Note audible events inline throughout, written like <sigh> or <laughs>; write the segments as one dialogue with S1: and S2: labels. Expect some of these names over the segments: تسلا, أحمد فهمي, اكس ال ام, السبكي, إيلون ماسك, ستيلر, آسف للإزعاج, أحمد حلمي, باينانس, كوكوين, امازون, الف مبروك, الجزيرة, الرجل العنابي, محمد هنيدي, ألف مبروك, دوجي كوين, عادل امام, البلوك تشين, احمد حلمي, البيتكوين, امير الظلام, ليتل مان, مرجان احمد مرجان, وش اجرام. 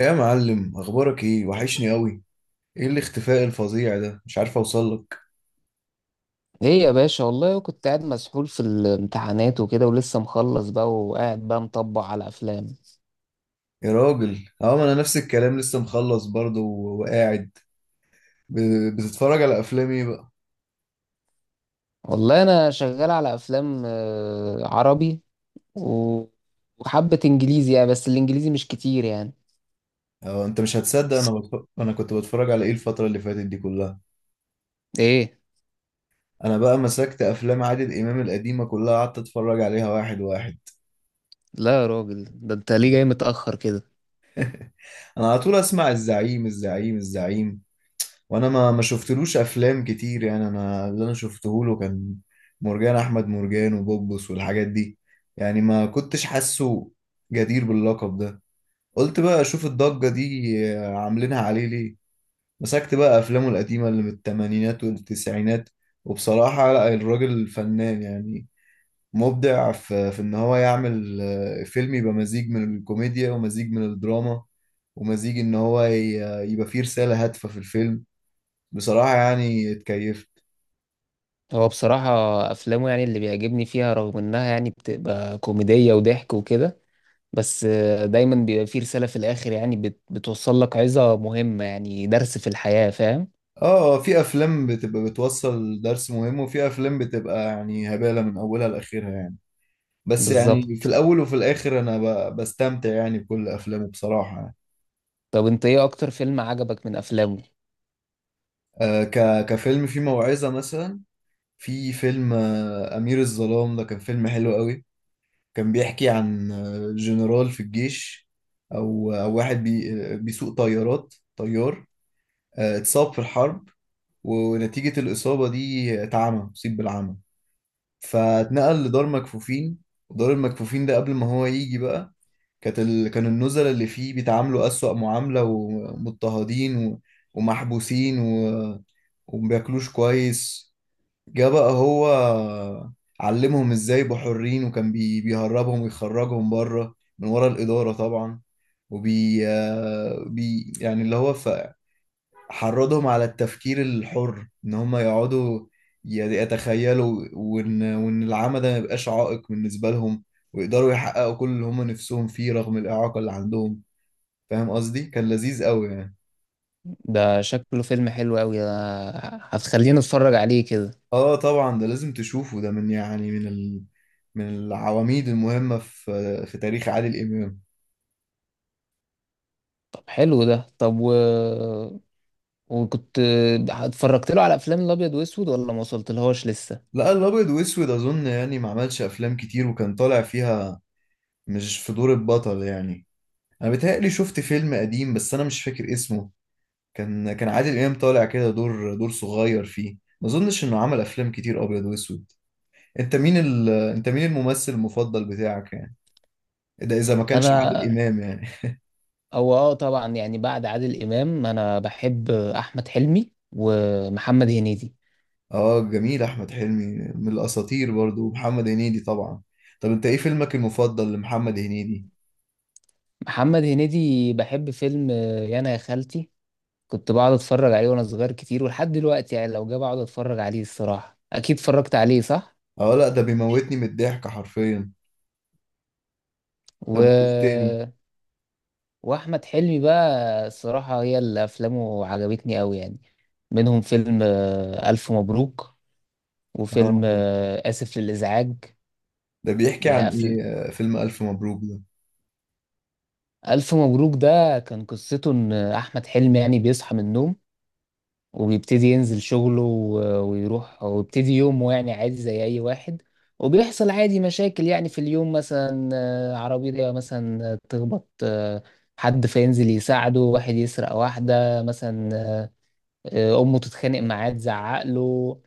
S1: يا معلم، اخبارك ايه؟ وحشني قوي. ايه الاختفاء الفظيع ده؟ مش عارف اوصل لك.
S2: ايه يا باشا؟ والله كنت قاعد مسحول في الامتحانات وكده ولسه مخلص بقى وقاعد بقى مطبق على افلام.
S1: يا راجل، اه، ما انا نفس الكلام، لسه مخلص برضه وقاعد بتتفرج على افلام ايه بقى؟
S2: والله انا شغال على افلام عربي و- وحبة انجليزي يعني، بس الانجليزي مش كتير يعني.
S1: اه، انت مش هتصدق. انا كنت بتفرج على ايه الفترة اللي فاتت دي كلها.
S2: ايه؟
S1: انا بقى مسكت افلام عادل امام القديمة كلها، قعدت اتفرج عليها واحد واحد.
S2: لا يا راجل، ده انت ليه جاي متأخر كده؟
S1: انا على طول اسمع الزعيم الزعيم الزعيم. وانا ما شفتلوش افلام كتير يعني. انا اللي انا شفته له كان مرجان احمد مرجان وبوبس والحاجات دي. يعني ما كنتش حاسه جدير باللقب ده. قلت بقى اشوف الضجة دي عاملينها عليه ليه. مسكت بقى افلامه القديمة اللي من الثمانينات والتسعينات، وبصراحة لا، الراجل فنان يعني. مبدع في ان هو يعمل فيلم يبقى مزيج من الكوميديا ومزيج من الدراما، ومزيج ان هو يبقى فيه رسالة هادفة في الفيلم. بصراحة يعني اتكيفت.
S2: هو بصراحة افلامه، يعني اللي بيعجبني فيها، رغم انها يعني بتبقى كوميدية وضحك وكده، بس دايما بيبقى فيه رسالة في الاخر، يعني بتوصل لك عظة مهمة، يعني درس في الحياة، فاهم؟
S1: اه، في افلام بتبقى بتوصل درس مهم، وفي افلام بتبقى يعني هبالة من اولها لاخرها يعني. بس يعني في
S2: بالظبط.
S1: الاول وفي الاخر انا بستمتع يعني بكل افلامه بصراحة يعني.
S2: طب انت ايه اكتر فيلم عجبك من افلامه؟
S1: كفيلم فيه موعظة مثلا، في فيلم امير الظلام ده. كان فيلم حلو قوي. كان بيحكي عن جنرال في الجيش، او واحد بي آه، بيسوق طيارات، طيار. اتصاب في الحرب، ونتيجة الإصابة دي اتعمى، أصيب بالعمى. فاتنقل لدار مكفوفين. ودار المكفوفين ده قبل ما هو يجي بقى، كان النزلاء اللي فيه بيتعاملوا أسوأ معاملة، ومضطهدين ومحبوسين ومبياكلوش كويس. جه بقى هو، علمهم ازاي يبقوا حرين، وكان بيهربهم ويخرجهم بره من ورا الإدارة طبعا. وبي آه، بي يعني اللي هو حرضهم على التفكير الحر، ان هم يقعدوا ي- يتخيلوا، وان العمى ده ما يبقاش عائق بالنسبه لهم، ويقدروا يحققوا كل اللي هم نفسهم فيه رغم الاعاقه اللي عندهم. فاهم قصدي؟ كان لذيذ قوي يعني.
S2: ده شكله فيلم حلو قوي ده، هتخليني اتفرج عليه كده.
S1: اه طبعا، ده لازم تشوفه. ده من يعني من من العواميد المهمه في تاريخ عادل امام.
S2: طب حلو ده. طب وكنت اتفرجت له على افلام الابيض واسود ولا ما وصلت لهاش لسه؟
S1: لا، الابيض واسود اظن يعني ما عملش افلام كتير، وكان طالع فيها مش في دور البطل يعني. انا بيتهيألي شفت فيلم قديم، بس انا مش فاكر اسمه. كان عادل امام طالع كده دور صغير فيه. ما اظنش انه عمل افلام كتير ابيض واسود. انت مين الممثل المفضل بتاعك يعني؟ ده اذا ما كانش عادل
S2: انا
S1: امام يعني.
S2: اه طبعا، يعني بعد عادل امام انا بحب احمد حلمي ومحمد هنيدي.
S1: اه جميل، احمد حلمي من الاساطير برضو، ومحمد هنيدي طبعا. طب انت ايه فيلمك المفضل لمحمد هنيدي؟
S2: محمد هنيدي بحب فيلم يانا يا خالتي، كنت بقعد اتفرج عليه وانا صغير كتير ولحد دلوقتي، يعني لو جه بقعد اتفرج عليه الصراحة، اكيد اتفرجت عليه صح؟
S1: اه لا، ده بيموتني من الضحك حرفيا.
S2: و...
S1: طب وايه تاني؟
S2: واحمد حلمي بقى الصراحه هي اللي افلامه عجبتني قوي يعني، منهم فيلم الف مبروك وفيلم
S1: اه،
S2: اسف للازعاج.
S1: ده بيحكي عن
S2: يا أفل...
S1: ايه فيلم الف مبروك ده؟
S2: الف مبروك ده كان قصته ان احمد حلمي يعني بيصحى من النوم، وبيبتدي ينزل شغله ويروح ويبتدي يومه يعني عادي زي اي واحد، وبيحصل عادي مشاكل يعني في اليوم، مثلا عربية مثلا تخبط، حد فينزل يساعده، واحد يسرق واحدة مثلا، امه تتخانق معاه تزعق له،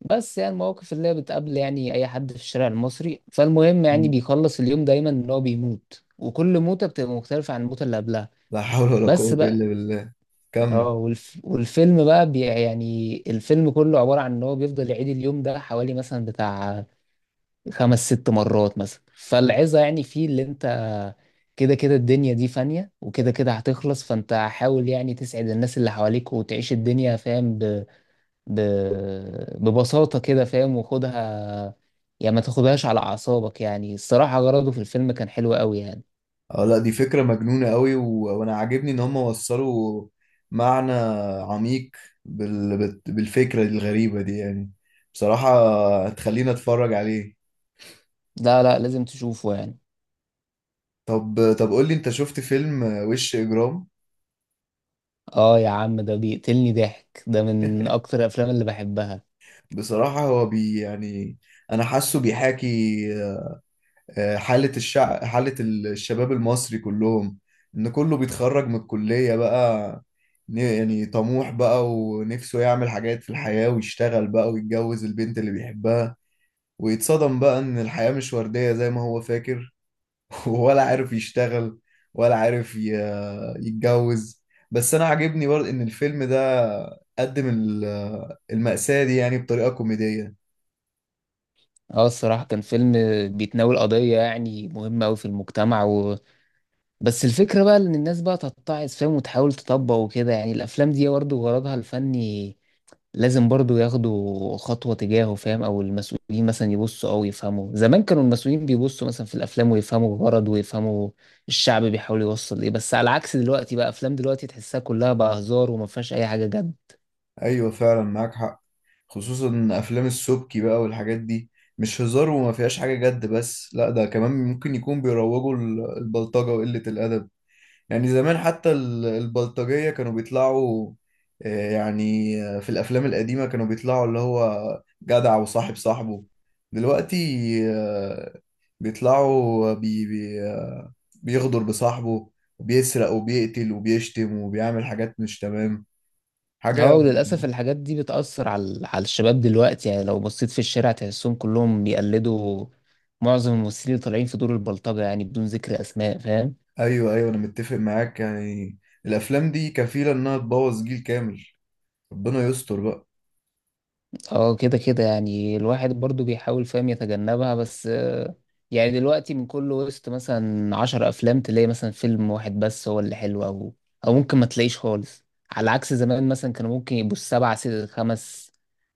S2: بس يعني المواقف اللي هي بتقابل يعني اي حد في الشارع المصري، فالمهم يعني
S1: مم.
S2: بيخلص اليوم دايما ان هو بيموت، وكل موته بتبقى مختلفه عن الموته اللي قبلها.
S1: لا حول ولا
S2: بس
S1: قوة
S2: بقى،
S1: الا بالله. كمل.
S2: اه يعني الفيلم كله عباره عن ان هو بيفضل يعيد اليوم ده حوالي مثلا بتاع 5 6 مرات مثلا، فالعظه يعني فيه اللي انت كده كده الدنيا دي فانية، وكده كده هتخلص، فانت حاول يعني تسعد الناس اللي حواليك وتعيش الدنيا، فاهم؟ ب... ببساطة كده فاهم، وخدها يعني ما تاخدهاش على أعصابك يعني، الصراحة غرضه في الفيلم كان حلو قوي يعني.
S1: اه لا، دي فكرة مجنونة قوي، وانا عاجبني ان هم وصلوا معنى عميق بالفكرة الغريبة دي يعني. بصراحة هتخلينا اتفرج عليه.
S2: لا لا، لازم تشوفه يعني.
S1: طب طب، قول لي، انت شفت فيلم وش اجرام؟
S2: اه يا عم، ده بيقتلني ضحك، ده من
S1: <laughs>
S2: أكتر الأفلام اللي بحبها.
S1: بصراحة هو يعني انا حاسه بيحاكي حالة الشباب المصري كلهم. إن كله بيتخرج من الكلية بقى، يعني طموح بقى ونفسه يعمل حاجات في الحياة، ويشتغل بقى ويتجوز البنت اللي بيحبها، ويتصدم بقى إن الحياة مش وردية زي ما هو فاكر. <laughs> ولا عارف يشتغل، ولا عارف يتجوز. بس أنا عاجبني برضه إن الفيلم ده قدم المأساة دي يعني بطريقة كوميدية.
S2: اه الصراحة كان فيلم بيتناول قضية يعني مهمة أوي في المجتمع، بس الفكرة بقى إن الناس بقى تتعظ، فاهم؟ وتحاول تطبق وكده، يعني الأفلام دي برضه غرضها الفني لازم برضو ياخدوا خطوة تجاهه، فاهم؟ او المسؤولين مثلا يبصوا او يفهموا، زمان كانوا المسؤولين بيبصوا مثلا في الافلام ويفهموا الغرض، ويفهموا الشعب بيحاول يوصل ايه، بس على عكس دلوقتي بقى، افلام دلوقتي تحسها كلها بقى هزار وما فيهاش اي حاجة جد.
S1: ايوه فعلا، معاك حق. خصوصا ان افلام السبكي بقى والحاجات دي، مش هزار وما فيهاش حاجه جد، بس لا، ده كمان ممكن يكون بيروجوا البلطجه وقله الادب. يعني زمان حتى البلطجيه كانوا بيطلعوا في الافلام القديمه كانوا بيطلعوا اللي هو جدع وصاحب صاحبه. دلوقتي آه، بيطلعوا بي بي آه، بيغدر بصاحبه، وبيسرق وبيقتل وبيشتم وبيعمل حاجات مش تمام.
S2: اه
S1: حاجه.
S2: وللاسف الحاجات دي بتأثر على الشباب دلوقتي، يعني لو بصيت في الشارع تحسهم كلهم بيقلدوا معظم الممثلين اللي طالعين في دور البلطجة، يعني بدون ذكر اسماء، فاهم؟
S1: ايوه ايوه، انا متفق معاك يعني. الافلام دي كفيله انها تبوظ جيل كامل. ربنا يستر بقى.
S2: اه كده كده يعني الواحد برضو بيحاول فاهم يتجنبها، بس يعني دلوقتي من كل وسط مثلا 10 أفلام تلاقي مثلا فيلم واحد بس هو اللي حلو، أو ممكن ما تلاقيش خالص، على عكس زمان مثلا كانوا ممكن يبقوا السبعة ست خمس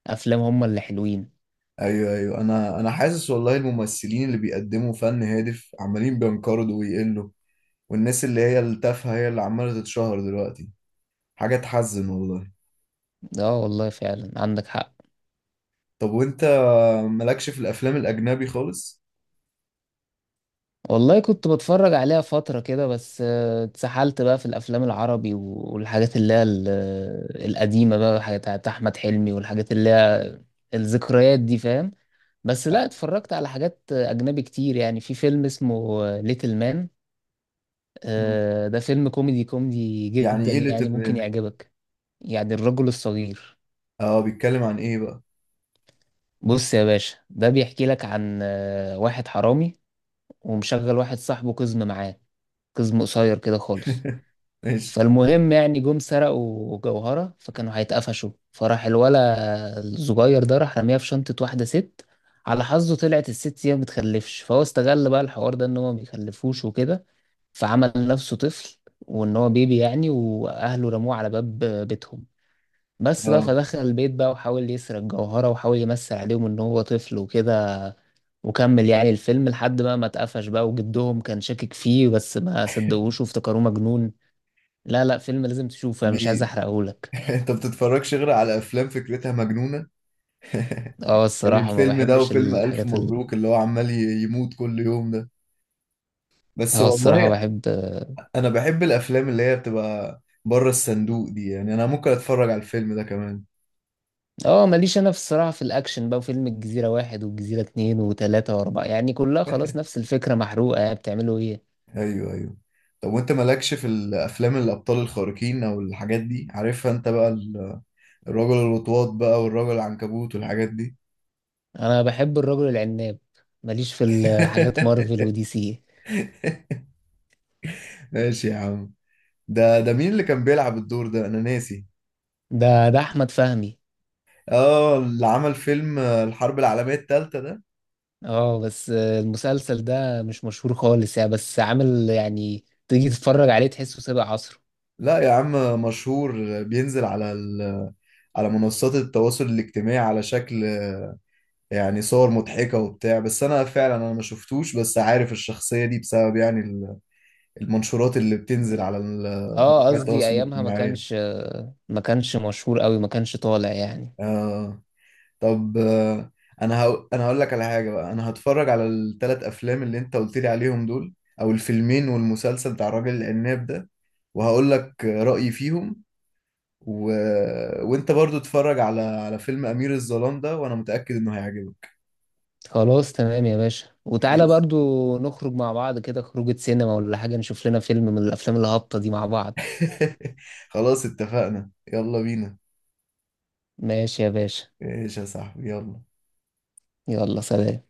S2: أفلام هما اللي حلوين.
S1: ايوه ايوه، انا حاسس والله الممثلين اللي بيقدموا فن هادف عمالين بينقرضوا ويقلوا، والناس اللي هي التافهه هي اللي عماله تتشهر دلوقتي. حاجه تحزن والله.
S2: اه والله فعلا عندك حق.
S1: طب وانت مالكش في الافلام الاجنبي خالص؟
S2: والله كنت بتفرج عليها فترة كده بس اتسحلت بقى في الأفلام العربي والحاجات اللي هي القديمة بقى، حاجات بتاعت أحمد حلمي والحاجات اللي هي الذكريات دي، فاهم؟ بس لا، اتفرجت على حاجات اجنبي كتير، يعني في فيلم اسمه ليتل مان،
S1: مم.
S2: ده فيلم كوميدي كوميدي
S1: يعني
S2: جدا
S1: ايه
S2: يعني،
S1: ليتل
S2: ممكن
S1: مان؟
S2: يعجبك. يعني الرجل الصغير.
S1: اه بيتكلم عن ايه بقى؟
S2: بص يا باشا، ده بيحكي لك عن واحد حرامي، ومشغل واحد صاحبه قزم معاه، قزم قصير كده خالص،
S1: <laughs> ماشي.
S2: فالمهم يعني جم سرقوا جوهرة فكانوا هيتقفشوا، فراح الولا الصغير ده راح رميها في شنطة واحدة ست، على حظه طلعت الست هي ما بتخلفش، فهو استغل بقى الحوار ده ان هو ما بيخلفوش وكده، فعمل نفسه طفل وان هو بيبي يعني، واهله رموه على باب بيتهم. بس بقى،
S1: اه
S2: فدخل البيت بقى وحاول يسرق جوهرة، وحاول يمثل عليهم ان هو طفل وكده، وكمل يعني الفيلم لحد بقى ما اتقفش بقى، وجدهم كان شاكك فيه بس ما صدقوش وافتكروه مجنون. لا لا، فيلم لازم تشوفه، انا مش عايز
S1: بي...
S2: احرقهولك.
S1: <laughs> انت بتتفرجش غير على افلام فكرتها مجنونه؟
S2: اه
S1: يعني
S2: الصراحة ما
S1: الفيلم ده
S2: بحبش
S1: وفيلم ألف
S2: الحاجات
S1: مبروك اللي هو عمال يموت كل يوم ده. بس
S2: اه الصراحة
S1: والله،
S2: بحب.
S1: أنا بحب الأفلام اللي هي بتبقى بره الصندوق دي يعني. أنا ممكن أتفرج على الفيلم ده كمان.
S2: اه ماليش انا في الصراحة في الاكشن بقى، وفيلم الجزيرة 1 والجزيرة 2 و3 و4 يعني كلها خلاص
S1: <laughs>
S2: نفس الفكرة محروقة، يعني بتعملوا ايه؟
S1: أيوه أيوه. طب وأنت مالكش في الأفلام الأبطال الخارقين أو الحاجات دي، عارفها أنت بقى الرجل الوطواط بقى والرجل العنكبوت والحاجات دي؟
S2: انا بحب الرجل العناب، ماليش في الحاجات مارفل
S1: <laughs>
S2: ودي سي.
S1: ماشي يا عم. ده مين اللي كان بيلعب الدور ده؟ أنا ناسي.
S2: ده احمد فهمي.
S1: آه، اللي عمل فيلم الحرب العالمية التالتة ده.
S2: اه بس المسلسل ده مش مشهور خالص يعني، بس عامل يعني تيجي تتفرج عليه تحسه سابق عصره.
S1: لا يا عم مشهور. بينزل على على منصات التواصل الاجتماعي على شكل يعني صور مضحكة وبتاع، بس انا فعلا انا ما شفتوش، بس عارف الشخصية دي بسبب يعني المنشورات اللي بتنزل على
S2: اه
S1: مواقع
S2: قصدي
S1: التواصل
S2: ايامها ما
S1: الاجتماعي.
S2: كانش ما كانش مشهور قوي، ما كانش طالع يعني.
S1: آه طب، انا هقول لك على حاجة بقى. انا هتفرج على الثلاث افلام اللي انت قلت لي عليهم دول، او الفيلمين والمسلسل بتاع الراجل العناب ده، وهقول لك رأيي فيهم. و... وانت برضو اتفرج على فيلم امير الظلام ده، وانا متأكد انه هيعجبك.
S2: خلاص تمام يا باشا، وتعالى برضو نخرج مع بعض كده خروجة سينما ولا حاجة، نشوف لنا فيلم من الافلام الهابطة دي مع بعض.
S1: <laughs> خلاص اتفقنا، يلا بينا.
S2: ماشي يا باشا،
S1: ايش يا صاحبي، يلا.
S2: يلا سلام.